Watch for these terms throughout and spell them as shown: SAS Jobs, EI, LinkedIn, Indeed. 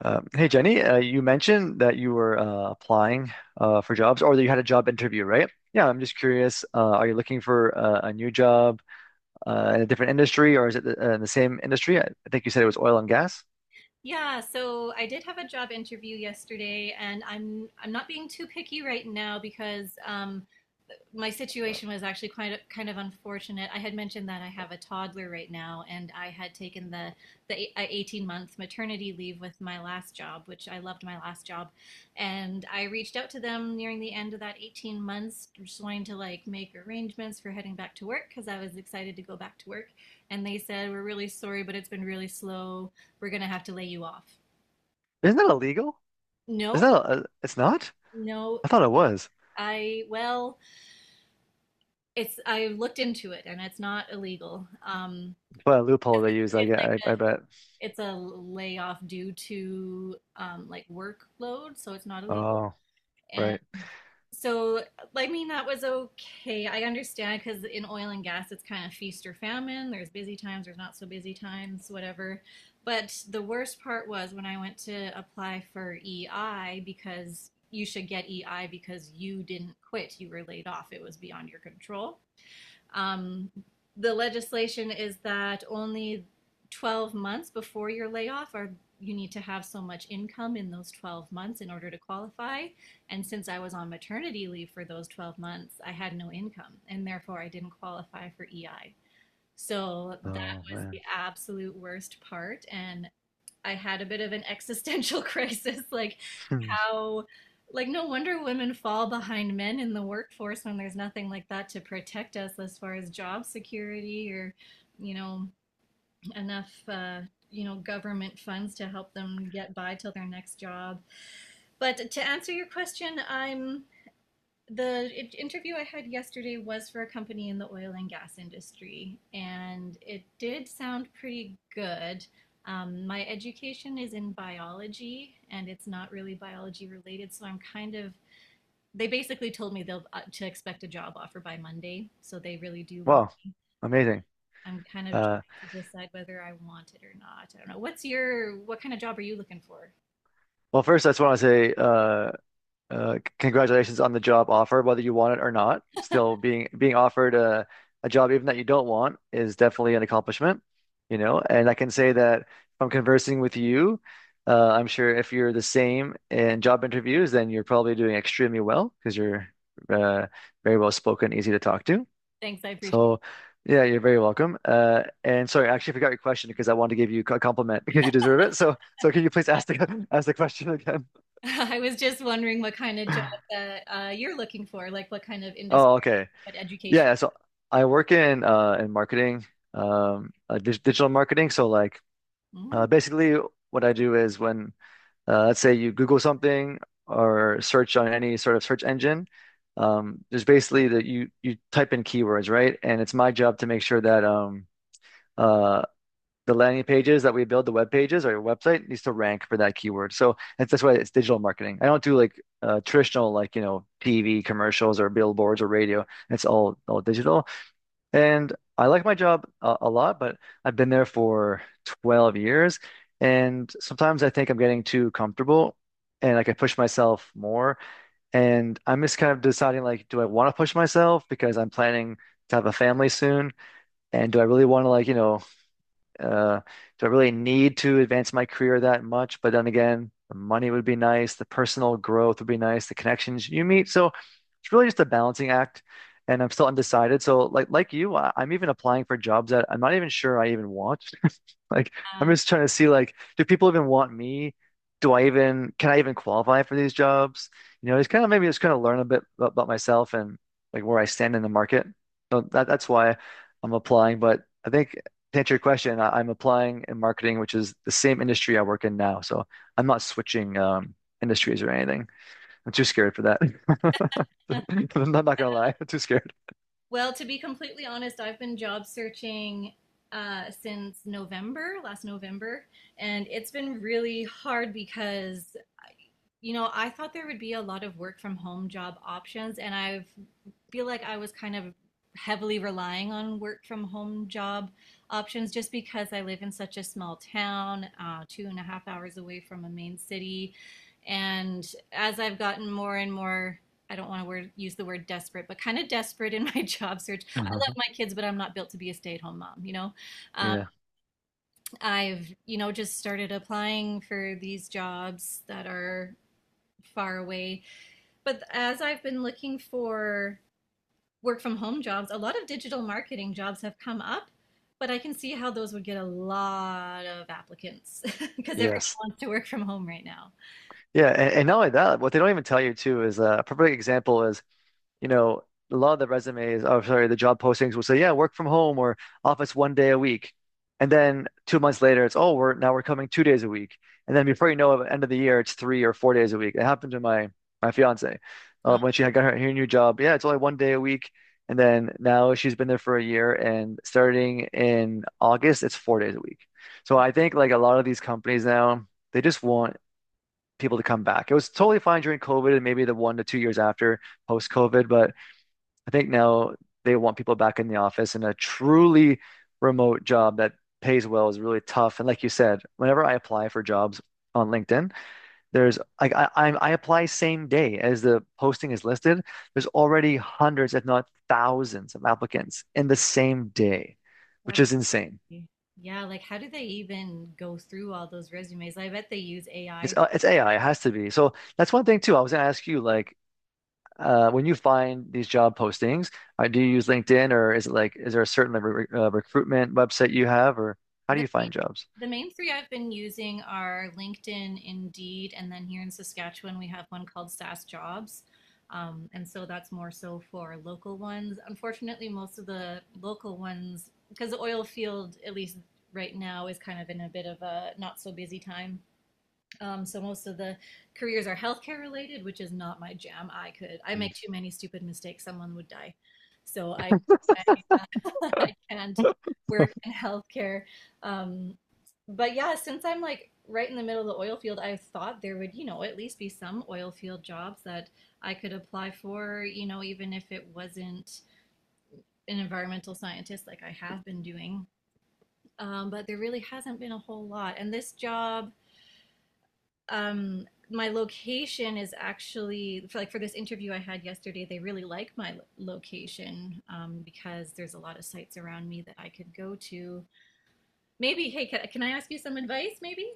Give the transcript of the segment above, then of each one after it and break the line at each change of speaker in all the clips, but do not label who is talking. Hey Jenny, you mentioned that you were applying for jobs or that you had a job interview, right? Yeah, I'm just curious. Are you looking for a new job in a different industry or is it in the same industry? I think you said it was oil and gas.
Yeah, so I did have a job interview yesterday, and I'm not being too picky right now because my situation was actually quite kind of unfortunate. I had mentioned that I have a toddler right now, and I had taken the 18-month maternity leave with my last job, which I loved my last job, and I reached out to them nearing the end of that 18 months, just wanting to like make arrangements for heading back to work because I was excited to go back to work, and they said we're really sorry, but it's been really slow. We're gonna have to lay you off.
Isn't that illegal? Is
No,
that it's not?
no,
I thought it was.
I well, I looked into it, and it's not illegal.
What a loophole they use, I,
It's
get- I,
like
I bet.
it's a layoff due to like workload, so it's not illegal.
Oh,
And
right.
so, I mean, that was okay. I understand because in oil and gas, it's kind of feast or famine. There's busy times, there's not so busy times, whatever. But the worst part was when I went to apply for EI, because you should get EI because you didn't quit, you were laid off, it was beyond your control. Um, the legislation is that only 12 months before your layoff are, you need to have so much income in those 12 months in order to qualify. And since I was on maternity leave for those 12 months, I had no income and therefore I didn't qualify for EI. So that
Oh
was the
man.
absolute worst part. And I had a bit of an existential crisis, like,
Hmm.
how, like, no wonder women fall behind men in the workforce when there's nothing like that to protect us as far as job security or you know enough government funds to help them get by till their next job. But to answer your question, I'm the interview I had yesterday was for a company in the oil and gas industry, and it did sound pretty good. My education is in biology, and it's not really biology related, so I'm kind of they basically told me they'll to expect a job offer by Monday. So they really do want.
Wow, amazing.
I'm kind of
Uh,
trying to decide whether I want it or not. I don't know. What kind of job are you looking for?
well, first, I just want to say congratulations on the job offer, whether you want it or not. Still being offered a job even that you don't want is definitely an accomplishment, you know. And I can say that from conversing with you, I'm sure if you're the same in job interviews, then you're probably doing extremely well because you're uh, very well spoken, easy to talk to.
Thanks, I appreciate.
So. Yeah, you're very welcome. And sorry, I actually forgot your question because I wanted to give you a compliment because you deserve it. So, can you please ask the ask the question again?
It. I was just wondering what kind of job that you're looking for, like what kind of industry,
Oh, okay.
what education.
Yeah, so I work in marketing, digital marketing. So like
Mm,
basically what I do is when let's say you Google something or search on any sort of search engine, there's basically that you type in keywords, right? And it's my job to make sure that uh the landing pages that we build, the web pages or your website needs to rank for that keyword. So that's why it's digital marketing. I don't do like traditional like, TV commercials or billboards or radio. It's all digital. And I like my job a lot, but I've been there for 12 years. And sometimes I think I'm getting too comfortable and like I can push myself more. And I'm just kind of deciding like, do I want to push myself because I'm planning to have a family soon? And do I really want to like, uh, do I really need to advance my career that much? But then again, the money would be nice, the personal growth would be nice, the connections you meet. So it's really just a balancing act. And I'm still undecided. So like you, I'm even applying for jobs that I'm not even sure I even want. Like I'm
yeah.
just trying to see like, do people even want me? Do I even Can I even qualify for these jobs? You know, it's kind of maybe just kind of learn a bit about myself and like where I stand in the market. So that's why I'm applying. But I think to answer your question, I'm applying in marketing, which is the same industry I work in now. So I'm not switching industries or anything. I'm too scared for that. I'm not, gonna lie, I'm too scared.
Well, to be completely honest, I've been job searching since November, last November, and it's been really hard because I thought there would be a lot of work from home job options, and I feel like I was kind of heavily relying on work from home job options just because I live in such a small town, 2.5 hours away from a main city. And as I've gotten more and more, I don't want to use the word desperate, but kind of desperate in my job search. I love
Uh-huh.
my kids, but I'm not built to be a stay-at-home mom, you know? Um,
Yeah.
I've, just started applying for these jobs that are far away, but as I've been looking for work from home jobs, a lot of digital marketing jobs have come up, but I can see how those would get a lot of applicants because everyone
Yes.
wants to work from home right now.
Yeah. And not only that, what they don't even tell you too is a perfect example is, you know, a lot of the resumes, oh, sorry, the job postings will say, yeah, work from home or office one day a week. And then 2 months later, it's, oh, we're coming 2 days a week. And then before you know it, at the end of the year, it's 3 or 4 days a week. It happened to my fiance
No,
when she had got her new job. Yeah, it's only one day a week. And then now she's been there for a year, and starting in August, it's 4 days a week. So I think like a lot of these companies now, they just want people to come back. It was totally fine during COVID and maybe the 1 to 2 years after post COVID, but I think now they want people back in the office, and a truly remote job that pays well is really tough. And like you said, whenever I apply for jobs on LinkedIn, there's like I apply same day as the posting is listed. There's already hundreds, if not thousands, of applicants in the same day, which is
that's-
insane.
yeah, like, how do they even go through all those resumes? I bet they use AI.
It's AI. It has to be. So that's one thing too. I was gonna ask you, like, when you find these job postings, do you use LinkedIn or is it like, is there a certain like, re recruitment website you have or how do
The
you
main,
find jobs?
the main three I've been using are LinkedIn, Indeed, and then here in Saskatchewan, we have one called SAS Jobs. And so that's more so for local ones. Unfortunately, most of the local ones, because the oil field, at least right now, is kind of in a bit of a not so busy time. So most of the careers are healthcare related, which is not my jam. I
Mm.
make too many stupid mistakes, someone would die. So I can't work in healthcare. Um, but yeah, since I'm like right in the middle of the oil field, I thought there would, at least be some oil field jobs that I could apply for, even if it wasn't an environmental scientist like I have been doing. But there really hasn't been a whole lot. And this job um, my location is actually, for like, for this interview I had yesterday, they really like my location because there's a lot of sites around me that I could go to. Maybe, hey, can I ask you some advice? Maybe.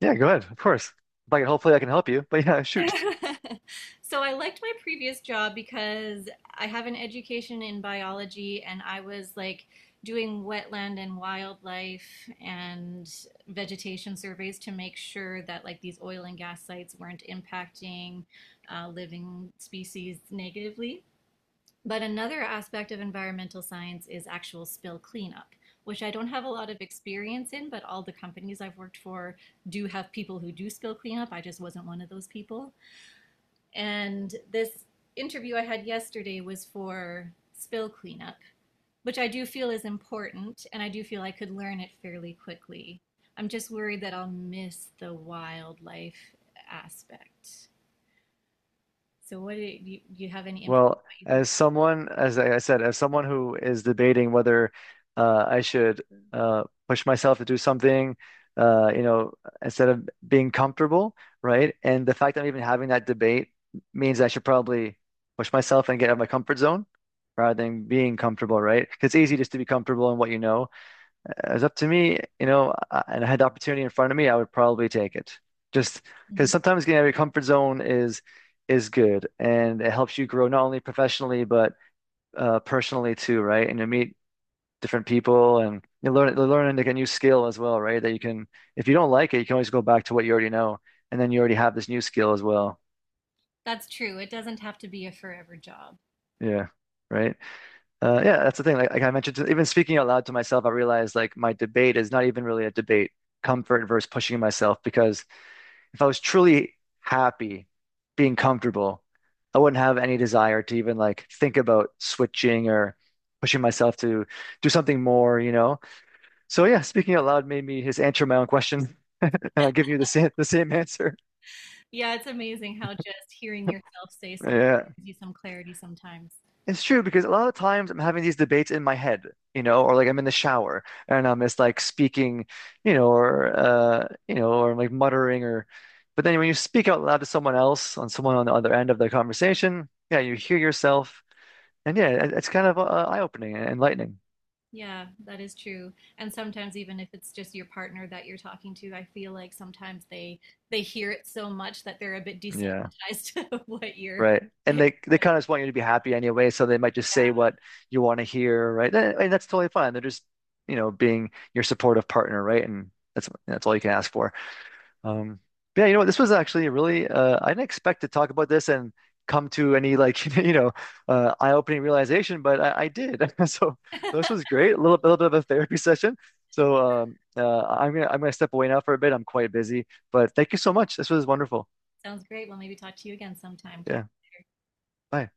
Yeah, go ahead. Of course. Like, hopefully I can help you, but yeah, shoot.
So I liked my previous job because I have an education in biology, and I was like doing wetland and wildlife and vegetation surveys to make sure that, like, these oil and gas sites weren't impacting living species negatively. But another aspect of environmental science is actual spill cleanup, which I don't have a lot of experience in, but all the companies I've worked for do have people who do spill cleanup. I just wasn't one of those people. And this interview I had yesterday was for spill cleanup, which I do feel is important, and I do feel I could learn it fairly quickly. I'm just worried that I'll miss the wildlife aspect. So, do you have any input?
Well,
What you think?
as someone, as I said, as someone who is debating whether I should push myself to do something, uh, you know, instead of being comfortable, right? And the fact that I'm even having that debate means I should probably push myself and get out of my comfort zone rather than being comfortable, right? 'Cause it's easy just to be comfortable in what you know. It's up to me, you know, and I had the opportunity in front of me, I would probably take it. Just because
Mhm.
sometimes getting out of your comfort zone is good, and it helps you grow not only professionally but personally too, right? And you meet different people, and you're learning like a new skill as well, right? That you can, if you don't like it, you can always go back to what you already know, and then you already have this new skill as well.
That's true. It doesn't have to be a forever job.
Yeah. Right. Yeah, that's the thing. Like, I mentioned, to, even speaking out loud to myself, I realized like my debate is not even really a debate, comfort versus pushing myself because if I was truly happy being comfortable, I wouldn't have any desire to even like think about switching or pushing myself to do something more, you know? So yeah, speaking out loud made me just answer my own question, giving you the same answer.
Yeah, it's amazing how just hearing yourself say something
Yeah.
gives you some clarity sometimes.
It's true because a lot of times I'm having these debates in my head, or like I'm in the shower and I'm just like speaking, or or like muttering or but then when you speak out loud to someone else on someone on the other end of the conversation, yeah, you hear yourself and yeah, it's kind of eye-opening and enlightening.
Yeah, that is true. And sometimes even if it's just your partner that you're talking to, I feel like sometimes they hear it so much that they're a bit
Yeah,
desensitized to what you're.
right. And they kind of just want you to be happy anyway, so they might just say what you want to hear, right? And that's totally fine. They're just, being your supportive partner, right? And that's all you can ask for. Um, but yeah, you know what? This was actually a really I didn't expect to talk about this and come to any like eye-opening realization, but I did. So this was great. A little bit of a therapy session. So I'm gonna step away now for a bit. I'm quite busy, but thank you so much. This was wonderful.
Sounds great. Well, maybe talk to you again sometime. Talk
Yeah. Bye.